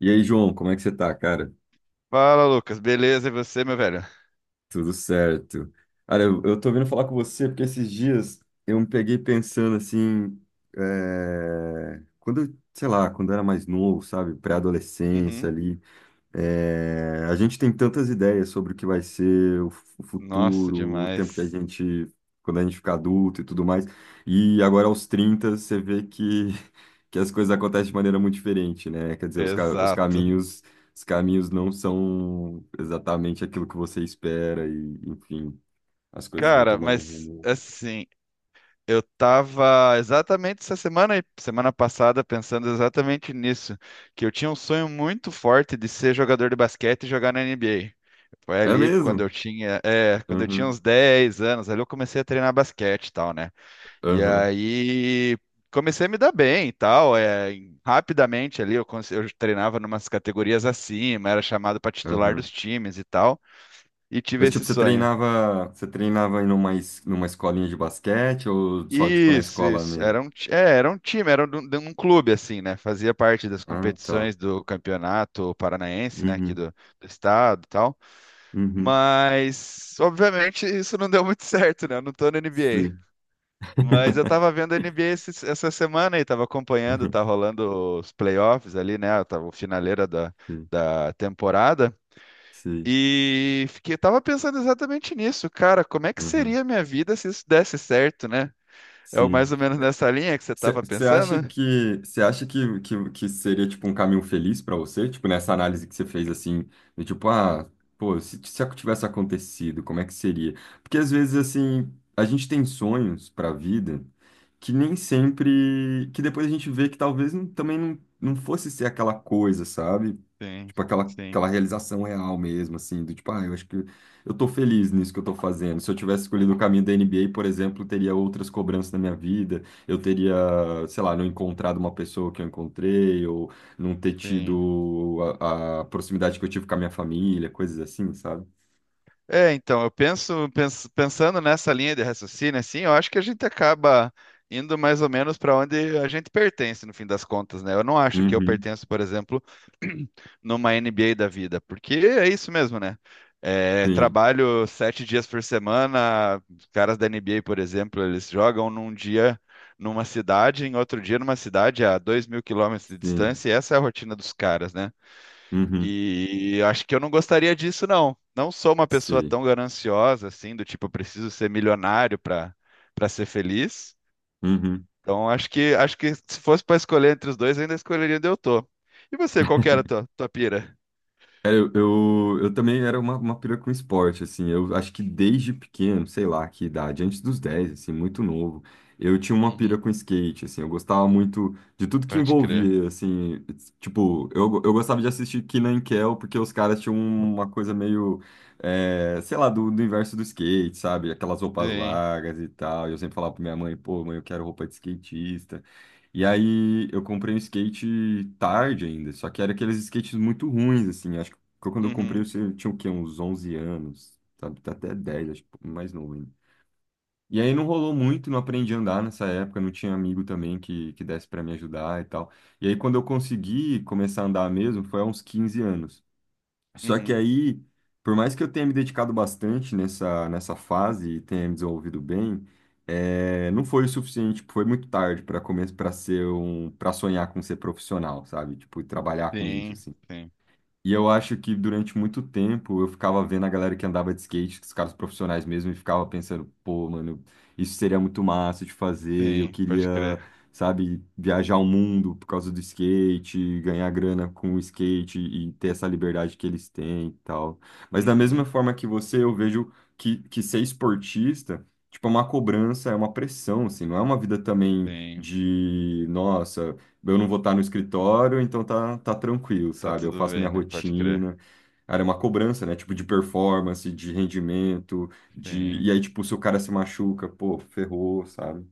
E aí, João, como é que você tá, cara? Fala, Lucas. Beleza, e você, meu velho? Tudo certo. Cara, eu tô vindo falar com você porque esses dias eu me peguei pensando assim, quando, sei lá, quando eu era mais novo, sabe, pré-adolescência Uhum. ali. A gente tem tantas ideias sobre o que vai ser o o Nossa, futuro, o tempo que a demais. gente, quando a gente ficar adulto e tudo mais. E agora aos 30 você vê que, que as coisas acontecem de maneira muito diferente, né? Quer dizer, os, Exato. Os caminhos não são exatamente aquilo que você espera e, enfim, as coisas vão Cara, tomando um mas rumo. assim, eu tava exatamente essa semana e semana passada pensando exatamente nisso, que eu tinha um sonho muito forte de ser jogador de basquete e jogar na NBA. Foi É ali quando eu mesmo? tinha, é, quando eu tinha Uhum, uns 10 anos, ali eu comecei a treinar basquete e tal, né? E uhum, aí comecei a me dar bem e tal. Rapidamente ali eu treinava numas categorias acima, era chamado para titular uhum. dos times e tal, e tive Mas tipo, esse você sonho. treinava, você treinava em uma, numa escolinha de basquete ou só tipo na Isso, escola isso. mesmo? Era um time, era de um clube, assim, né? Fazia parte das Ah, tá. competições do campeonato paranaense, né? Aqui Uhum, do estado e tal. uhum, Mas, obviamente, isso não deu muito certo, né? Eu não tô na sim. NBA. Mas eu tava vendo a NBA essa semana e tava acompanhando, tá rolando os playoffs ali, né? Tava o finaleira da, Sim, da temporada. sim, E fiquei, tava pensando exatamente nisso, cara. Como é que uhum, seria a minha vida se isso desse certo, né? É o sim. mais ou menos nessa linha que você tava Você acha pensando? que você acha que, que, que seria tipo um caminho feliz para você? Tipo, nessa análise que você fez assim, do tipo, ah, pô, se, tivesse acontecido, como é que seria? Porque às vezes assim, a gente tem sonhos para a vida que nem sempre, que depois a gente vê que talvez não- também não fosse ser aquela coisa, sabe? Sim, Tipo, sim, aquela realização real mesmo, assim, do tipo, ah, eu acho que eu tô feliz nisso que eu tô fazendo. Se eu tivesse escolhido o caminho da NBA, por exemplo, teria outras cobranças na minha vida, eu teria, sei lá, não encontrado uma pessoa que eu encontrei, ou não ter sim. tido a proximidade que eu tive com a minha família, coisas assim, sabe? Então, eu pensando nessa linha de raciocínio, assim, eu acho que a gente acaba indo mais ou menos para onde a gente pertence, no fim das contas, né? Eu não acho que eu Uhum, pertenço, por exemplo, numa NBA da vida, porque é isso mesmo, né? É, sim, trabalho 7 dias por semana, os caras da NBA, por exemplo, eles jogam num dia numa cidade, em outro dia numa cidade a 2.000 km de sim, distância, e essa é a rotina dos caras, né? uhum, E acho que eu não gostaria disso, não. Não sou uma pessoa sei, tão gananciosa assim, do tipo, eu preciso ser milionário para ser feliz. uhum. Então, acho que se fosse para escolher entre os dois, eu ainda escolheria onde eu tô. E você, qual que era a tua pira? Eu também era uma pira com esporte, assim, eu acho que desde pequeno, sei lá que idade, antes dos 10 assim, muito novo, eu tinha uma pira Uhum, com skate, assim, eu gostava muito de tudo que pode crer. envolvia, assim, tipo, eu gostava de assistir Kenan e Kel, porque os caras tinham uma coisa meio, sei lá, do universo do skate, sabe, aquelas roupas Sim. largas e tal, e eu sempre falava pra minha mãe, pô, mãe, eu quero roupa de skatista, e aí eu comprei um skate tarde ainda, só que era aqueles skates muito ruins, assim, porque quando eu comprei, Uhum, você tinha o quê? Uns 11 anos, sabe? Tá, até 10 acho, que mais novo ainda. E aí não rolou muito, não aprendi a andar nessa época, não tinha amigo também que desse pra me ajudar e tal. E aí quando eu consegui começar a andar mesmo, foi há uns 15 anos. Só que uhum. aí, por mais que eu tenha me dedicado bastante nessa fase e tenha me desenvolvido bem, não foi o suficiente, foi muito tarde para começar, para ser para sonhar com ser profissional, sabe? Tipo, e trabalhar com isso, Sim, assim. sim, E eu acho que durante muito tempo eu ficava vendo a galera que andava de skate, os caras profissionais mesmo, e ficava pensando, pô, mano, isso seria muito massa de fazer, eu sim, queria, pode crer. sabe, viajar o mundo por causa do skate, ganhar grana com o skate e ter essa liberdade que eles têm e tal. Mas da mesma Uhum, forma que você, eu vejo que ser esportista, tipo, é uma cobrança, é uma pressão, assim, não é uma vida também sim. de, nossa. Eu não vou estar no escritório, então tá, tá tranquilo, Tá sabe? Eu tudo faço minha bem, né? Pode crer. rotina. Era uma cobrança, né? Tipo, de performance, de rendimento, de... Sim. E aí, tipo, se o cara se machuca, pô, ferrou, sabe?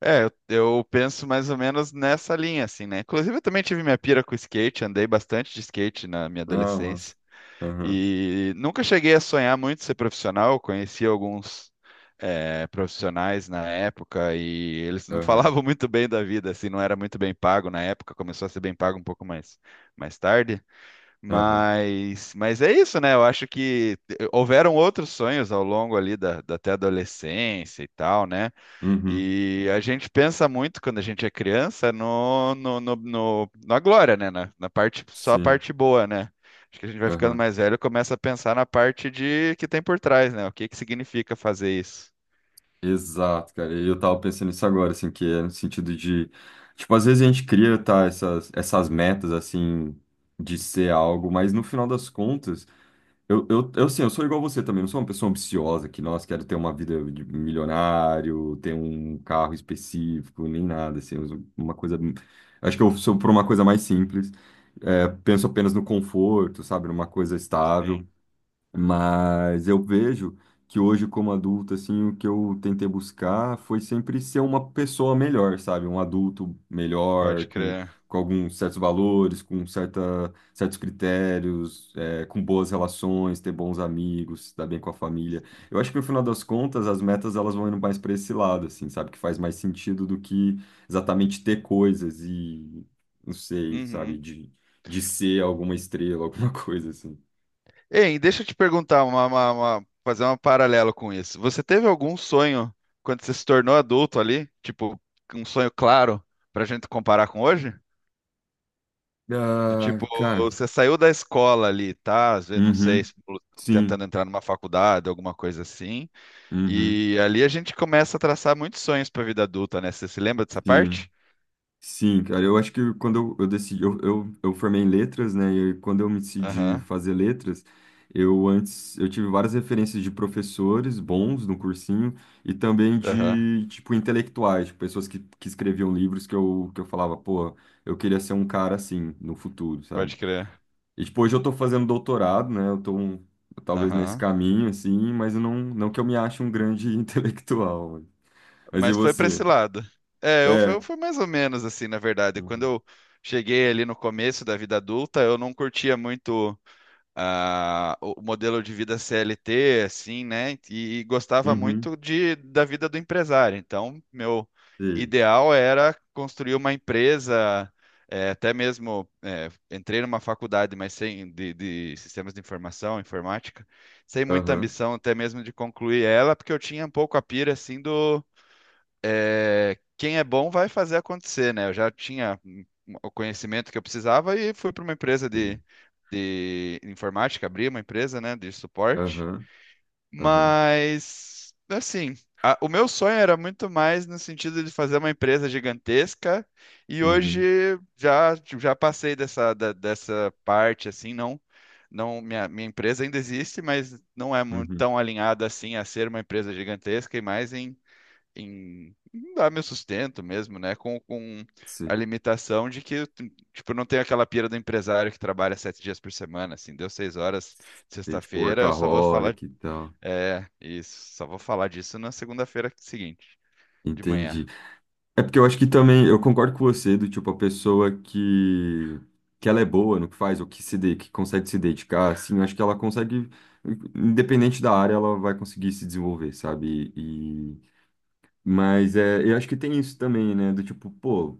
Eu penso mais ou menos nessa linha, assim, né? Inclusive, eu também tive minha pira com skate, andei bastante de skate na minha Ah, mas... adolescência. Aham, E nunca cheguei a sonhar muito ser profissional, conheci alguns profissionais na época e eles não aham, falavam muito bem da vida, assim, não era muito bem pago na época, começou a ser bem pago um pouco mais tarde. aham. Mas é isso, né? Eu acho que houveram outros sonhos ao longo ali da até adolescência e tal, né? Uhum, E a gente pensa muito quando a gente é criança na glória, né? Na parte, só a sim, parte boa, né? Acho que a gente vai ficando aham. mais velho e começa a pensar na parte de que tem por trás, né? O que que significa fazer isso? Exato, cara. E eu tava pensando nisso agora, assim, que é no sentido de... Tipo, às vezes a gente cria, tá, essas metas, assim, de ser algo, mas no final das contas... assim, eu sou igual você também, eu sou uma pessoa ambiciosa que, nossa, quero ter uma vida de milionário, ter um carro específico, nem nada, assim, eu sou uma coisa... Acho que eu sou por uma coisa mais simples, penso apenas no conforto, sabe, numa coisa estável. Sim, Mas eu vejo que hoje, como adulto, assim, o que eu tentei buscar foi sempre ser uma pessoa melhor, sabe? Um adulto melhor, pode crer. com alguns certos valores, com certos critérios, com boas relações, ter bons amigos, se dar bem com a família. Eu acho que no final das contas, as metas elas vão indo mais para esse lado, assim, sabe? Que faz mais sentido do que exatamente ter coisas e, não sei, sabe? Uhum. De ser alguma estrela, alguma coisa assim. Ei, deixa eu te perguntar fazer um paralelo com isso. Você teve algum sonho quando você se tornou adulto ali? Tipo, um sonho claro pra gente comparar com hoje? Do Ah, tipo, cara, você saiu da escola ali, tá? Às vezes, não sei, uhum, tentando sim, entrar numa faculdade, alguma coisa assim. uhum, E ali a gente começa a traçar muitos sonhos pra vida adulta, né? Você se lembra dessa sim, parte? sim, cara, eu acho que quando eu decidi, eu formei em letras, né, e quando eu me decidi Aham, fazer letras, eu antes, eu tive várias referências de professores bons no cursinho e também aham, de, tipo, intelectuais, de pessoas que escreviam livros que eu falava, pô, eu queria ser um cara assim no futuro, sabe? pode crer. E, tipo, hoje eu tô fazendo doutorado, né? Talvez nesse Aham. caminho, assim, mas eu não que eu me ache um grande intelectual. Mas e Mas foi pra esse você? lado. É, eu fui, eu É. fui mais ou menos assim, na verdade. Quando Uhum. eu cheguei ali no começo da vida adulta, eu não curtia muito. O modelo de vida CLT, assim, né? E gostava Uhum. muito da vida do empresário. Então, meu Sei. ideal era construir uma empresa, até mesmo entrei numa faculdade, mas sem de sistemas de informação, informática, sem muita Aham. ambição até mesmo de concluir ela, porque eu tinha um pouco a pira assim do quem é bom vai fazer acontecer, né? Eu já tinha o conhecimento que eu precisava e fui para uma empresa Sei. de informática, abri uma empresa, né, de suporte. Aham. Aham. Mas, assim, o meu sonho era muito mais no sentido de fazer uma empresa gigantesca e Uhum. hoje já passei dessa parte, assim, não. Não, minha empresa ainda existe, mas não é muito Uhum. tão alinhada assim a ser uma empresa gigantesca e mais em dar meu sustento mesmo, né? Com a Sei. limitação de que, tipo, eu não tenho aquela pira do empresário que trabalha 7 dias por semana, assim, deu 6 horas de Sei, tipo, sexta-feira, eu só vou falar, workaholic e tal. Isso, só vou falar disso na segunda-feira seguinte, de manhã. Entendi. É porque eu acho que também, eu concordo com você, do tipo, a pessoa que ela é boa no que faz, ou que consegue se dedicar, assim, eu acho que ela consegue, independente da área, ela vai conseguir se desenvolver, sabe? E, mas é, eu acho que tem isso também, né? Do tipo, pô,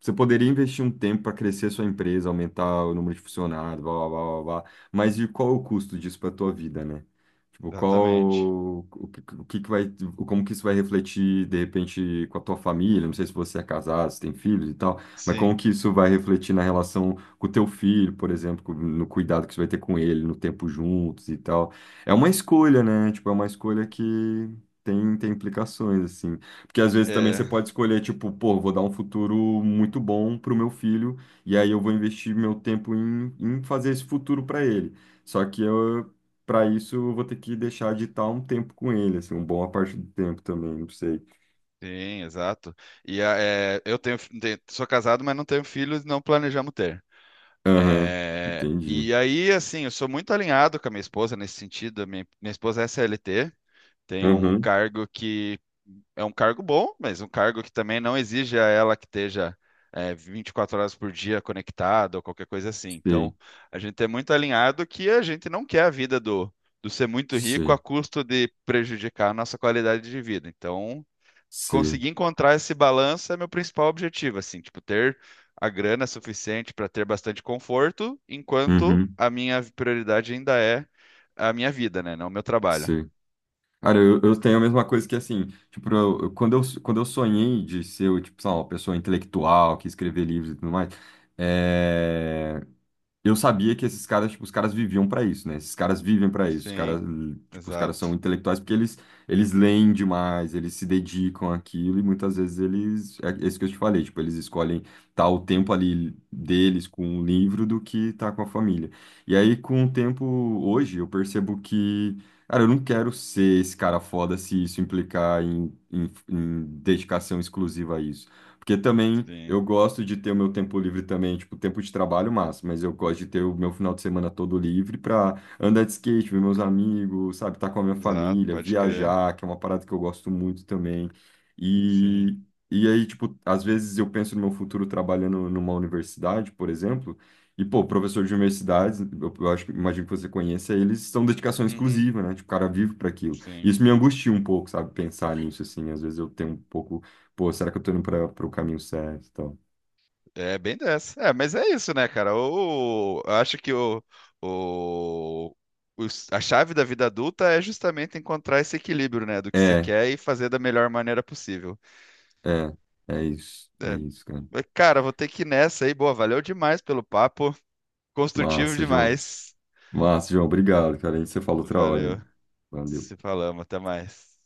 você poderia investir um tempo para crescer sua empresa, aumentar o número de funcionários, blá, blá, blá, blá, blá. Mas e qual o custo disso para a tua vida, né? Tipo, Exatamente. O que que vai, como que isso vai refletir, de repente, com a tua família? Não sei se você é casado, se tem filhos e tal, mas como Sim, que isso vai refletir na relação com o teu filho, por exemplo, no cuidado que você vai ter com ele, no tempo juntos e tal. É uma escolha, né? Tipo, é uma escolha que tem implicações, assim. Porque às vezes também é, você pode escolher, tipo, pô, vou dar um futuro muito bom pro meu filho, e aí eu vou investir meu tempo em fazer esse futuro para ele. Só que eu, para isso, eu vou ter que deixar de estar um tempo com ele, assim, uma boa parte do tempo também, não sei. sim, exato. E a- é, eu tenho, fi- te- sou casado, mas não tenho filhos, não planejamos ter. Aham, É, entendi. e aí, assim, eu sou muito alinhado com a minha esposa nesse sentido. A minha esposa é CLT. Tem um Aham, cargo que é um cargo bom, mas um cargo que também não exige a ela que esteja 24 horas por dia conectada ou qualquer coisa assim. sei, Então, a gente é muito alinhado que a gente não quer a vida do ser muito rico a sei, custo de prejudicar a nossa qualidade de vida. Então, sei. conseguir encontrar esse balanço é meu principal objetivo, assim, tipo, ter a grana suficiente para ter bastante conforto, enquanto Uhum, a minha prioridade ainda é a minha vida, né? Não o meu trabalho. sei. Cara, eu tenho a mesma coisa que assim, tipo, quando quando eu sonhei de ser, tipo, sei lá, uma pessoa intelectual que escrever livros e tudo mais. É... eu sabia que esses caras, tipo, os caras viviam pra isso, né? Esses caras vivem pra isso. Os caras, Sim, tipo, os caras são exato. intelectuais porque eles leem demais, eles se dedicam àquilo e muitas vezes eles, é isso que eu te falei, tipo, eles escolhem estar o tempo ali deles com o livro do que estar com a família. E aí, com o tempo hoje, eu percebo que, cara, eu não quero ser esse cara foda se isso implicar em, em dedicação exclusiva a isso. Porque também Sim, eu gosto de ter o meu tempo livre também, tipo, tempo de trabalho massa, mas eu gosto de ter o meu final de semana todo livre pra andar de skate, ver meus amigos, sabe, estar com a minha exato, família, pode crer. viajar, que é uma parada que eu gosto muito também. Sim. E, e aí, tipo, às vezes eu penso no meu futuro trabalhando numa universidade, por exemplo, e, pô, professor de universidades, imagino que você conheça, eles são dedicação Uhum, exclusiva, né? Tipo, o cara vive para aquilo. E sim. isso me angustia um pouco, sabe, pensar nisso, assim, às vezes eu tenho um pouco pô, será que eu tô indo para o caminho certo? E tal? É bem dessa. É, mas é isso, né, cara? Eu acho que o, a chave da vida adulta é justamente encontrar esse equilíbrio, né, do que você É, quer e fazer da melhor maneira possível. é, é É. isso, cara. Mas, cara, vou ter que ir nessa aí. Boa, valeu demais pelo papo. Construtivo Massa, João. demais. Massa, João, obrigado, cara. A gente se fala outra hora, Valeu. hein? Valeu. Se falamos, até mais.